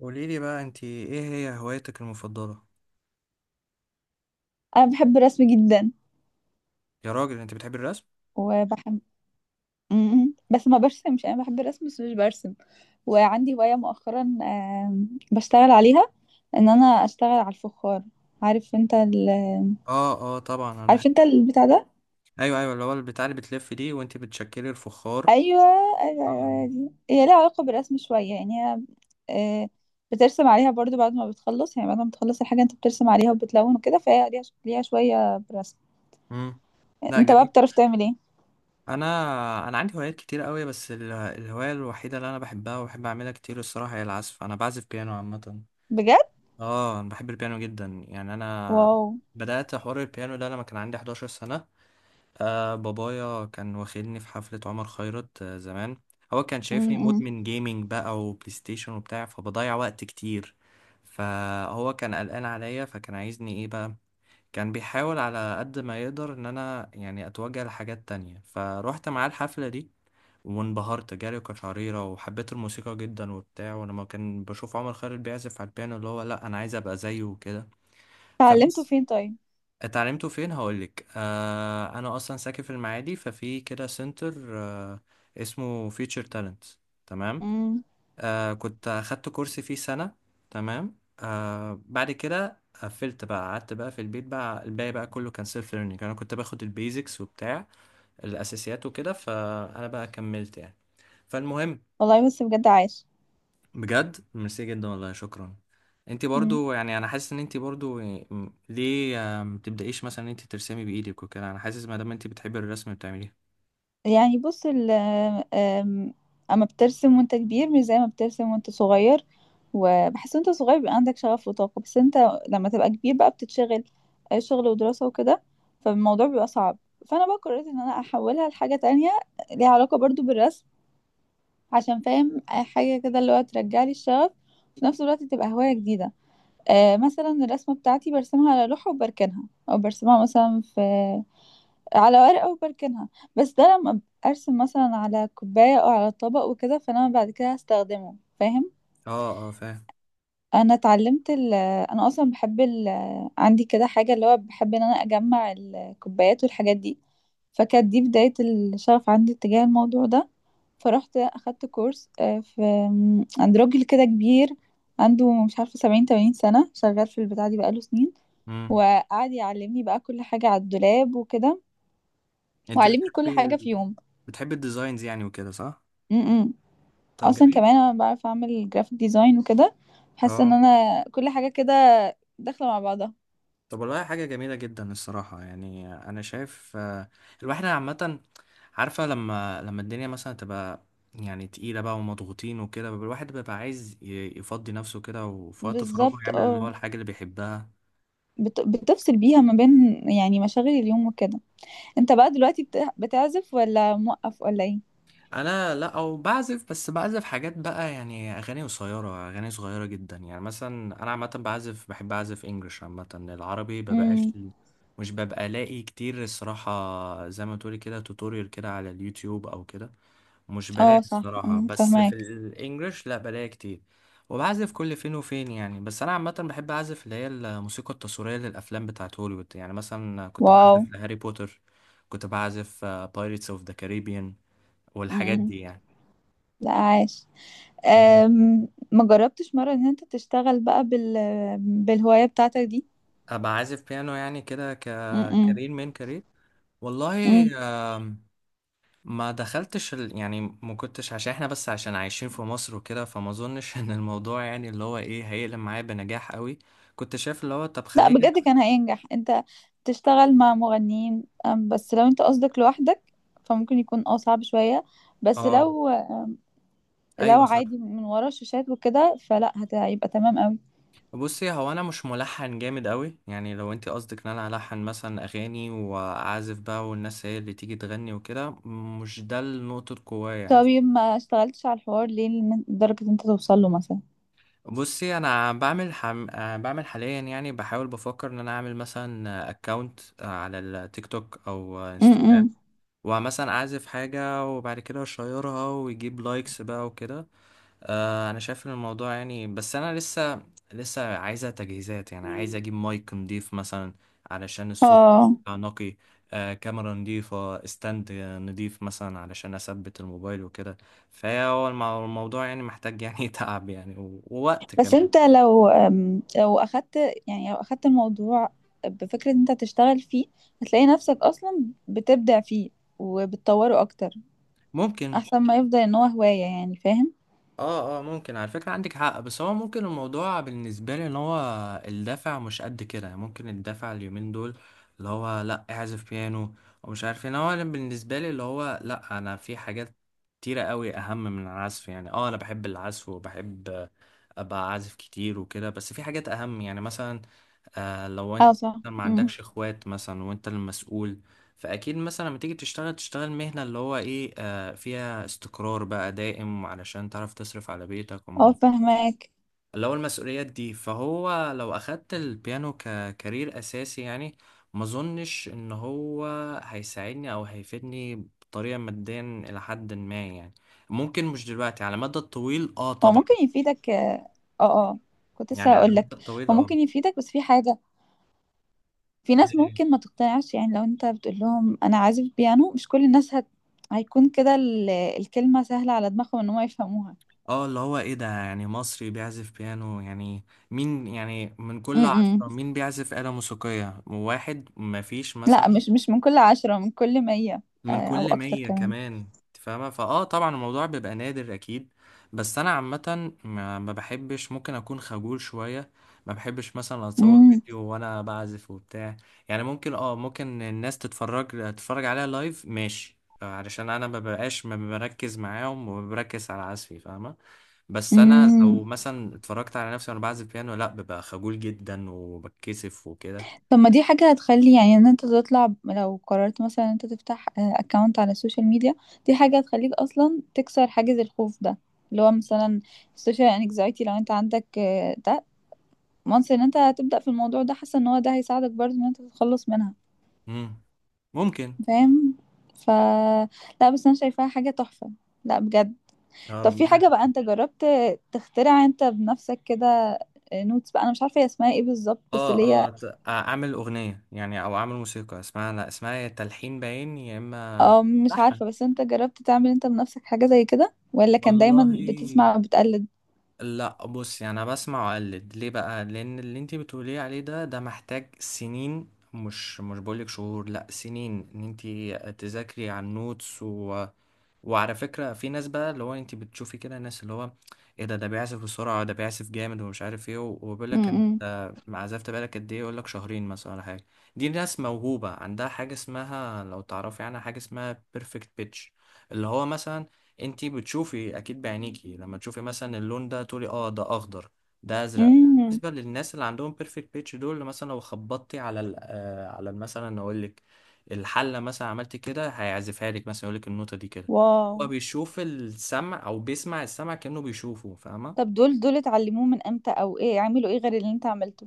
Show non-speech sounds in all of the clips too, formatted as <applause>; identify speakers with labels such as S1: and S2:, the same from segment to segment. S1: قولي لي بقى، انت ايه هي هوايتك المفضله؟
S2: انا بحب الرسم جدا
S1: يا راجل، انت بتحبي الرسم؟
S2: وبحب بس ما برسمش، انا بحب الرسم بس مش برسم. وعندي هواية مؤخرا بشتغل عليها، ان انا اشتغل على الفخار. عارف انت ال...
S1: اه، اه، طبعا انا بحب.
S2: عارف انت البتاع ده؟
S1: ايوه، ايوه، اللي هو البتاع اللي بتلف دي وانت بتشكلي الفخار.
S2: ايوه ايوه ايوه، هي
S1: آه.
S2: دي. هي ليها علاقة بالرسم شوية، يعني هي. آه، بترسم عليها برضو بعد ما بتخلص، يعني بعد ما بتخلص الحاجة انت بترسم عليها وبتلون وكده، فهي ليها شوية برسم.
S1: امم. لا،
S2: انت بقى
S1: جميل.
S2: بتعرف تعمل ايه؟
S1: انا انا عندي هوايات كتير قوي. بس الهوايه الوحيده اللي انا بحبها وبحب اعملها كتير الصراحه هي العزف. انا بعزف بيانو عامه.
S2: بجد؟
S1: اه، انا بحب البيانو جدا. يعني انا
S2: واو.
S1: بدات حوار البيانو ده لما كان عندي 11 سنه. آه، بابايا كان واخدني في حفلة عمر خيرت زمان. هو كان شايفني
S2: م-م.
S1: مدمن جيمنج بقى، وبلاي ستيشن وبتاع، فبضيع وقت كتير. فهو كان قلقان عليا، فكان عايزني ايه بقى. كان بيحاول على قد ما يقدر ان انا يعني اتوجه لحاجات تانية، فروحت معاه الحفلة دي. وانبهرت، جالي قشعريرة وحبيت الموسيقى جدا وبتاع، ولما كان بشوف عمر خيرت بيعزف على البيانو اللي هو، لا انا عايز ابقى زيه وكده.
S2: اتعلمته
S1: فبس.
S2: فين؟
S1: اتعلمته فين؟ هقولك. آه، انا اصلا ساكن في المعادي، ففي كده سنتر اسمه فيوتشر تالنت. تمام.
S2: طيب،
S1: آه، كنت اخدت كورس فيه سنة. تمام. آه، بعد كده قفلت بقى، قعدت بقى في البيت بقى. الباقي بقى كله كان سيلف ليرنينج. انا كنت باخد البيزكس وبتاع الاساسيات وكده، فانا بقى كملت يعني. فالمهم.
S2: والله بص بجد، عايش.
S1: بجد، ميرسي جدا والله، شكرا. انت
S2: مم.
S1: برضو يعني، انا حاسس ان انت برضو ليه ما تبدايش مثلا ان انت ترسمي بايدك وكده؟ انا حاسس ما دام انت بتحبي الرسم بتعمليه.
S2: يعني بص أم- اما بترسم وانت كبير مش زي ما بترسم وانت صغير، وبحس وانت صغير بيبقى عندك شغف وطاقة، بس انت لما تبقى كبير بقى بتتشغل، شغل ودراسة وكده، فالموضوع بيبقى صعب. فانا بقى قررت ان انا احولها لحاجة تانية ليها علاقة برضو بالرسم، عشان فاهم حاجة كده اللي هو ترجع لي الشغف وفي نفس الوقت تبقى هواية جديدة. مثلا الرسمة بتاعتي برسمها على لوحة وبركنها، او برسمها مثلا في على ورقة وبركنها. بس ده لما ارسم مثلا على كوباية او على طبق وكده، فانا بعد كده هستخدمه، فاهم؟
S1: اه، اه، فاهم.
S2: انا اتعلمت ال، انا اصلا بحب ال، عندي كده حاجة اللي هو بحب ان انا اجمع الكوبايات والحاجات دي، فكانت دي بداية الشغف عندي تجاه الموضوع ده. فرحت اخدت كورس آه، في م، عند راجل كده كبير، عنده مش عارفة سبعين تمانين سنة شغال في البتاع دي بقاله سنين.
S1: امم.
S2: وقعد يعلمني بقى كل حاجة على الدولاب وكده،
S1: انت
S2: وعلمني كل حاجة
S1: بتحبي
S2: في
S1: بتحبي الديزاينز يعني وكده، صح؟
S2: يوم.
S1: طب،
S2: اصلا
S1: جميل.
S2: كمان انا بعرف اعمل جرافيك ديزاين وكده، حاسه ان
S1: اه.
S2: انا كل حاجه كده داخله مع بعضها.
S1: طب والله، حاجه جميله جدا الصراحه. يعني انا شايف، الواحد عامه عارفه، لما الدنيا مثلا تبقى يعني تقيلة بقى ومضغوطين وكده، بيبقى الواحد بيبقى عايز يفضي نفسه كده، وفي وقت فراغه
S2: بالظبط
S1: يعمل اللي
S2: اه،
S1: هو الحاجة اللي بيحبها.
S2: بتفصل بيها ما بين يعني مشاغل اليوم وكده. انت بقى دلوقتي بتعزف ولا موقف ولا ايه؟
S1: انا لا، او بعزف، بس بعزف حاجات بقى، يعني اغاني قصيره، اغاني صغيره جدا. يعني مثلا انا عامه بعزف، بحب اعزف انجلش، عامه العربي ببقاش.
S2: امم.
S1: مش ببقى الاقي كتير الصراحه، زي ما تقولي كده توتوريال كده على اليوتيوب او كده. مش
S2: اه
S1: بلاقي
S2: صح،
S1: الصراحه.
S2: امم،
S1: بس في
S2: فهماك.
S1: الانجلش لا، بلاقي كتير. وبعزف كل فين وفين يعني. بس انا عامه بحب اعزف اللي هي الموسيقى التصويريه للافلام بتاعت هوليوود. يعني مثلا كنت
S2: واو.
S1: بعزف لهاري بوتر. كنت بعزف بايرتس اوف ذا كاريبيان. والحاجات
S2: امم.
S1: دي يعني.
S2: لا، عاش.
S1: مم.
S2: ما جربتش مره ان انت تشتغل بقى بالهوايه بتاعتك دي؟
S1: ابقى عازف بيانو يعني، كده كارير من كارير. والله.
S2: امم.
S1: آم، ما دخلتش يعني ما كنتش، عشان احنا بس عشان عايشين في مصر وكده، فما اظنش <laughs> ان الموضوع يعني اللي هو ايه هيقلب معايا بنجاح قوي. كنت شايف اللي هو، طب
S2: لا
S1: خليني.
S2: بجد، كان هينجح، انت تشتغل مع مغنيين، بس لو انت قصدك لوحدك فممكن يكون اه صعب شوية. بس
S1: اه،
S2: لو، لو
S1: ايوه، صح.
S2: عادي من ورا الشاشات وكده فلا هيبقى تمام قوي.
S1: بصي، هو انا مش ملحن جامد قوي. يعني لو انت قصدك ان انا الحن مثلا اغاني واعزف بقى، والناس هي اللي تيجي تغني وكده، مش ده نقطة قوايا يعني.
S2: طيب، ما اشتغلتش على الحوار ليه لدرجة انت توصل له مثلا؟
S1: بصي انا بعمل حم... آه، بعمل حاليا، يعني بحاول بفكر ان انا اعمل مثلا اكونت على التيك توك او انستجرام.
S2: امم.
S1: ومثلا اعزف حاجة وبعد كده اشيرها ويجيب لايكس بقى وكده. انا شايف ان الموضوع يعني، بس انا لسه عايزة تجهيزات. يعني عايز اجيب مايك نضيف مثلا، علشان الصوت
S2: اه
S1: يبقى نقي. كاميرا نضيفة، استند نضيف مثلا علشان اثبت الموبايل وكده. فهو الموضوع يعني محتاج يعني <laughs> تعب يعني ووقت
S2: بس
S1: كمان.
S2: انت لو أم، لو اخدت يعني لو اخدت الموضوع بفكرة انت تشتغل فيه، هتلاقي نفسك اصلا بتبدع فيه وبتطوره اكتر،
S1: ممكن.
S2: احسن ما يفضل ان هو هواية يعني، فاهم؟
S1: اه، اه، ممكن على فكرة، عندك حق. بس هو ممكن الموضوع بالنسبة لي ان هو الدفع مش قد كده. يعني ممكن الدفع اليومين دول اللي هو، لا اعزف بيانو ومش عارف ايه، إن هو انا بالنسبة لي اللي هو، لا انا في حاجات كتيرة قوي اهم من العزف. يعني اه، انا بحب العزف وبحب ابقى عازف كتير وكده، بس في حاجات اهم يعني مثلا. آه، لو
S2: اه
S1: انت
S2: صح،
S1: ما
S2: امم،
S1: عندكش اخوات مثلا وانت المسؤول، فاكيد مثلا لما تيجي تشتغل، تشتغل مهنة اللي هو ايه فيها استقرار بقى دائم، علشان تعرف تصرف على بيتك
S2: اه
S1: وم-
S2: فهماك.
S1: اللي هو المسؤوليات دي. فهو لو أخدت البيانو ككارير أساسي، يعني ما اظنش ان هو هيساعدني او هيفيدني بطريقة ماديا، الى حد ما يعني. ممكن مش دلوقتي، على المدى الطويل اه
S2: هو
S1: طبعا.
S2: ممكن يفيدك، اه اه، كنت لسه
S1: يعني على
S2: هقول
S1: المدى
S2: لك،
S1: الطويل
S2: هو
S1: اه.
S2: ممكن يفيدك بس في حاجة، في ناس ممكن ما تقتنعش، يعني لو انت بتقول لهم انا عازف بيانو مش كل الناس هيكون كده الكلمة سهلة على دماغهم ان هم يفهموها.
S1: اه، اللي هو ايه ده؟ يعني مصري بيعزف بيانو، يعني مين؟ يعني من كل
S2: امم.
S1: 10 مين بيعزف آلة موسيقية؟ واحد، مفيش
S2: لا،
S1: مثلا.
S2: مش من كل 10، من كل 100.
S1: من
S2: او
S1: كل
S2: اكتر
S1: 100
S2: كمان.
S1: كمان. انت فاهمة طبعا، الموضوع بيبقى نادر اكيد. بس انا عامة، ما بحبش، ممكن اكون خجول شوية. ما بحبش مثلا اتصور فيديو وانا بعزف وبتاع. يعني ممكن اه، ممكن الناس تتفرج عليها لايف، ماشي، علشان انا ما ببقاش ما بركز معاهم وبركز على عزفي، فاهمة؟ بس انا
S2: امم.
S1: لو مثلا اتفرجت على نفسي وانا بعزف بيانو، لا ببقى خجول جدا وبتكسف وكده.
S2: طب ما دي حاجة هتخلي يعني ان انت تطلع، لو قررت مثلا ان انت تفتح اكونت على السوشيال ميديا، دي حاجة هتخليك اصلا تكسر حاجز الخوف ده، اللي هو مثلا السوشيال انكزايتي لو انت عندك، ده once ان انت هتبدأ في الموضوع ده، حاسة ان هو ده هيساعدك برضه ان انت تتخلص منها،
S1: مم. ممكن.
S2: فاهم؟ ف، لا بس انا شايفاها حاجة تحفة، لا بجد.
S1: يا
S2: طب
S1: رب.
S2: في حاجة بقى انت جربت تخترع انت بنفسك كده نوتس بقى، انا مش عارفة هي اسمها ايه بالظبط بس
S1: اه،
S2: اللي هي،
S1: اه، اعمل اغنيه يعني، او اعمل موسيقى اسمها، لا اسمها يا تلحين باين يا اما
S2: اه مش
S1: لحن.
S2: عارفة، بس انت جربت تعمل انت بنفسك حاجة زي كده ولا كان دايما
S1: والله.
S2: بتسمع وبتقلد؟
S1: لا، بص يعني انا بسمع واقلد ليه بقى، لان اللي انت بتقوليه عليه ده محتاج سنين. مش بقولك شهور، لا سنين، ان انت تذاكري على النوتس. وعلى فكرة، في ناس بقى اللي هو، انت بتشوفي كده ناس اللي هو، ايه ده بيعزف بسرعة، ده بيعزف جامد ومش عارف ايه، وبيقول لك
S2: امم.
S1: انت عزفت بالك قد ايه؟ يقول لك شهرين مثلا ولا حاجة. دي ناس موهوبة عندها حاجة اسمها، لو تعرفي عنها، حاجة اسمها بيرفكت بيتش. اللي هو مثلا، انت بتشوفي اكيد بعينيكي لما تشوفي مثلا اللون ده، تقولي اه ده اخضر، ده ازرق.
S2: امم.
S1: بالنسبة للناس اللي عندهم بيرفكت بيتش دول، مثلا لو خبطتي على ال آه، على ال- مثلا اقول لك الحلة مثلا، عملت كده هيعزفها لك، مثلا يقول لك النوتة دي كده.
S2: واو.
S1: هو بيشوف السمع، او بيسمع السمع كأنه بيشوفه، فاهمة؟
S2: طب دول اتعلموه من امتى او ايه عملوا ايه غير اللي انت عملته؟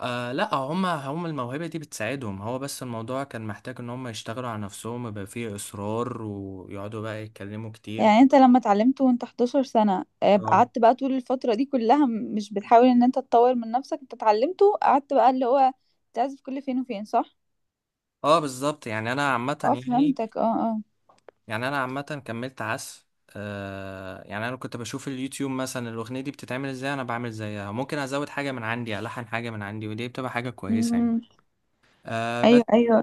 S1: آه، لا هما هم الموهبة دي بتساعدهم، هو بس الموضوع كان محتاج ان هم يشتغلوا على نفسهم، يبقى فيه اصرار، ويقعدوا بقى يتكلموا كتير.
S2: يعني انت لما اتعلمته وانت 11 سنة،
S1: اه،
S2: قعدت بقى طول الفترة دي كلها مش بتحاول ان انت تطور من نفسك، انت اتعلمته قعدت بقى اللي هو تعزف كل فين وفين صح؟
S1: اه، بالظبط. يعني انا عامة.
S2: اه
S1: يعني
S2: فهمتك، اه اه.
S1: يعني انا عامة كملت عزف. آه، يعني انا كنت بشوف اليوتيوب مثلا، الاغنية دي بتتعمل ازاي، انا بعمل زيها، ممكن ازود حاجة من عندي، الحن حاجة من عندي، ودي بتبقى حاجة كويسة يعني.
S2: امم.
S1: آه،
S2: ايوه
S1: بس.
S2: ايوه.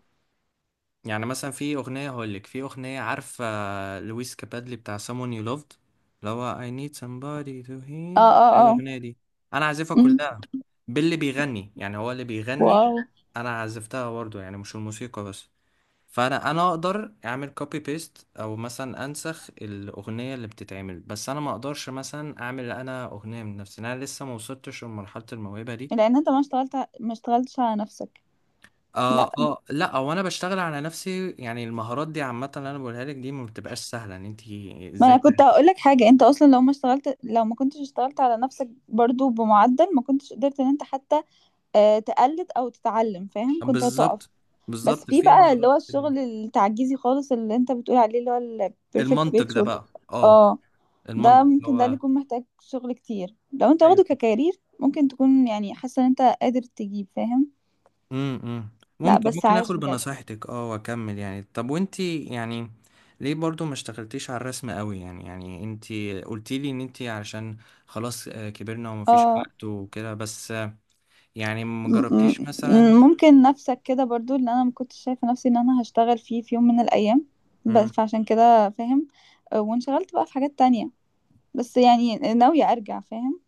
S1: يعني مثلا في أغنية هقول لك، في أغنية عارفة، لويس كابادلي بتاع Someone You Loved، اللي هو I need somebody to
S2: اه
S1: hear،
S2: اه
S1: إيه
S2: اه.
S1: الأغنية دي؟ أنا عازفها
S2: امم.
S1: كلها. باللي بيغني، يعني هو اللي بيغني.
S2: واو.
S1: أنا عزفتها برضه، يعني مش الموسيقى بس. فأنا أقدر أعمل كوبي بيست، أو مثلا أنسخ الأغنية اللي بتتعمل. بس أنا ما أقدرش مثلا أعمل أنا أغنية من نفسي، أنا لسه ما وصلتش لمرحلة الموهبة دي.
S2: لان انت ما اشتغلتش على نفسك.
S1: اه، اه، لا هو انا بشتغل على نفسي، يعني المهارات دي عامه اللي انا بقولها لك دي ما بتبقاش سهله، ان انت
S2: ما
S1: ازاي
S2: انا
S1: تع-
S2: كنت هقول لك حاجه، انت اصلا لو ما كنتش اشتغلت على نفسك برضو بمعدل ما كنتش قدرت ان انت حتى تقلد او تتعلم، فاهم؟ كنت هتقف.
S1: بالظبط
S2: بس
S1: بالظبط
S2: في
S1: في
S2: بقى اللي
S1: مهارات
S2: هو
S1: كده.
S2: الشغل التعجيزي خالص اللي انت بتقول عليه اللي هو البيرفكت
S1: المنطق
S2: بيت
S1: ده
S2: شغل.
S1: بقى، اه.
S2: اه ده
S1: المنطق
S2: ممكن، ده اللي
S1: هو.
S2: يكون محتاج شغل كتير لو انت
S1: ايوه.
S2: واخده ككارير، ممكن تكون يعني حاسه ان انت قادر تجيب، فاهم؟
S1: امم.
S2: لا
S1: ممكن
S2: بس
S1: ممكن
S2: عايش
S1: اخد
S2: بجد.
S1: بنصيحتك اه، واكمل يعني. طب وانت يعني، ليه برضو ما اشتغلتيش على الرسم قوي؟ يعني انت قلتي لي ان انت علشان خلاص كبرنا ومفيش
S2: اه
S1: وقت وكده، بس يعني ما
S2: م-
S1: جربتيش مثلا؟
S2: ممكن نفسك كده برضو، اللي انا ما كنتش شايفه نفسي ان انا هشتغل فيه في يوم من الايام بس،
S1: إمم.
S2: فعشان كده، فاهم؟ وانشغلت بقى في حاجات تانية بس يعني ناويه ارجع، فاهم؟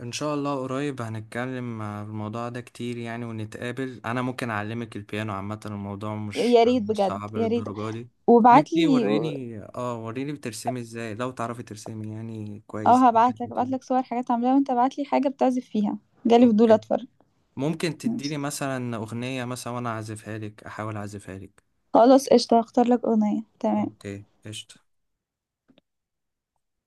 S1: ان شاء الله قريب هنتكلم في الموضوع ده كتير، يعني ونتقابل. انا ممكن اعلمك البيانو، عامة الموضوع مش
S2: يا ريت
S1: مش
S2: بجد،
S1: صعب
S2: يا ريت.
S1: للدرجة دي.
S2: وبعت
S1: وانتي
S2: لي،
S1: وريني بترسمي ازاي، لو تعرفي ترسمي يعني كويس
S2: اه
S1: زي ما
S2: هبعت
S1: انت
S2: لك، ابعت
S1: بتقولي.
S2: لك صور حاجات عاملاها، وانت ابعت لي حاجه بتعزف فيها، جالي فضول
S1: اوكي.
S2: اتفرج.
S1: ممكن
S2: ماشي.
S1: تديني مثلا اغنية مثلا، وانا اعزفها لك، احاول اعزفها لك.
S2: خلاص قشطه، هختار لك اغنيه، تمام.
S1: اوكي، قشطة.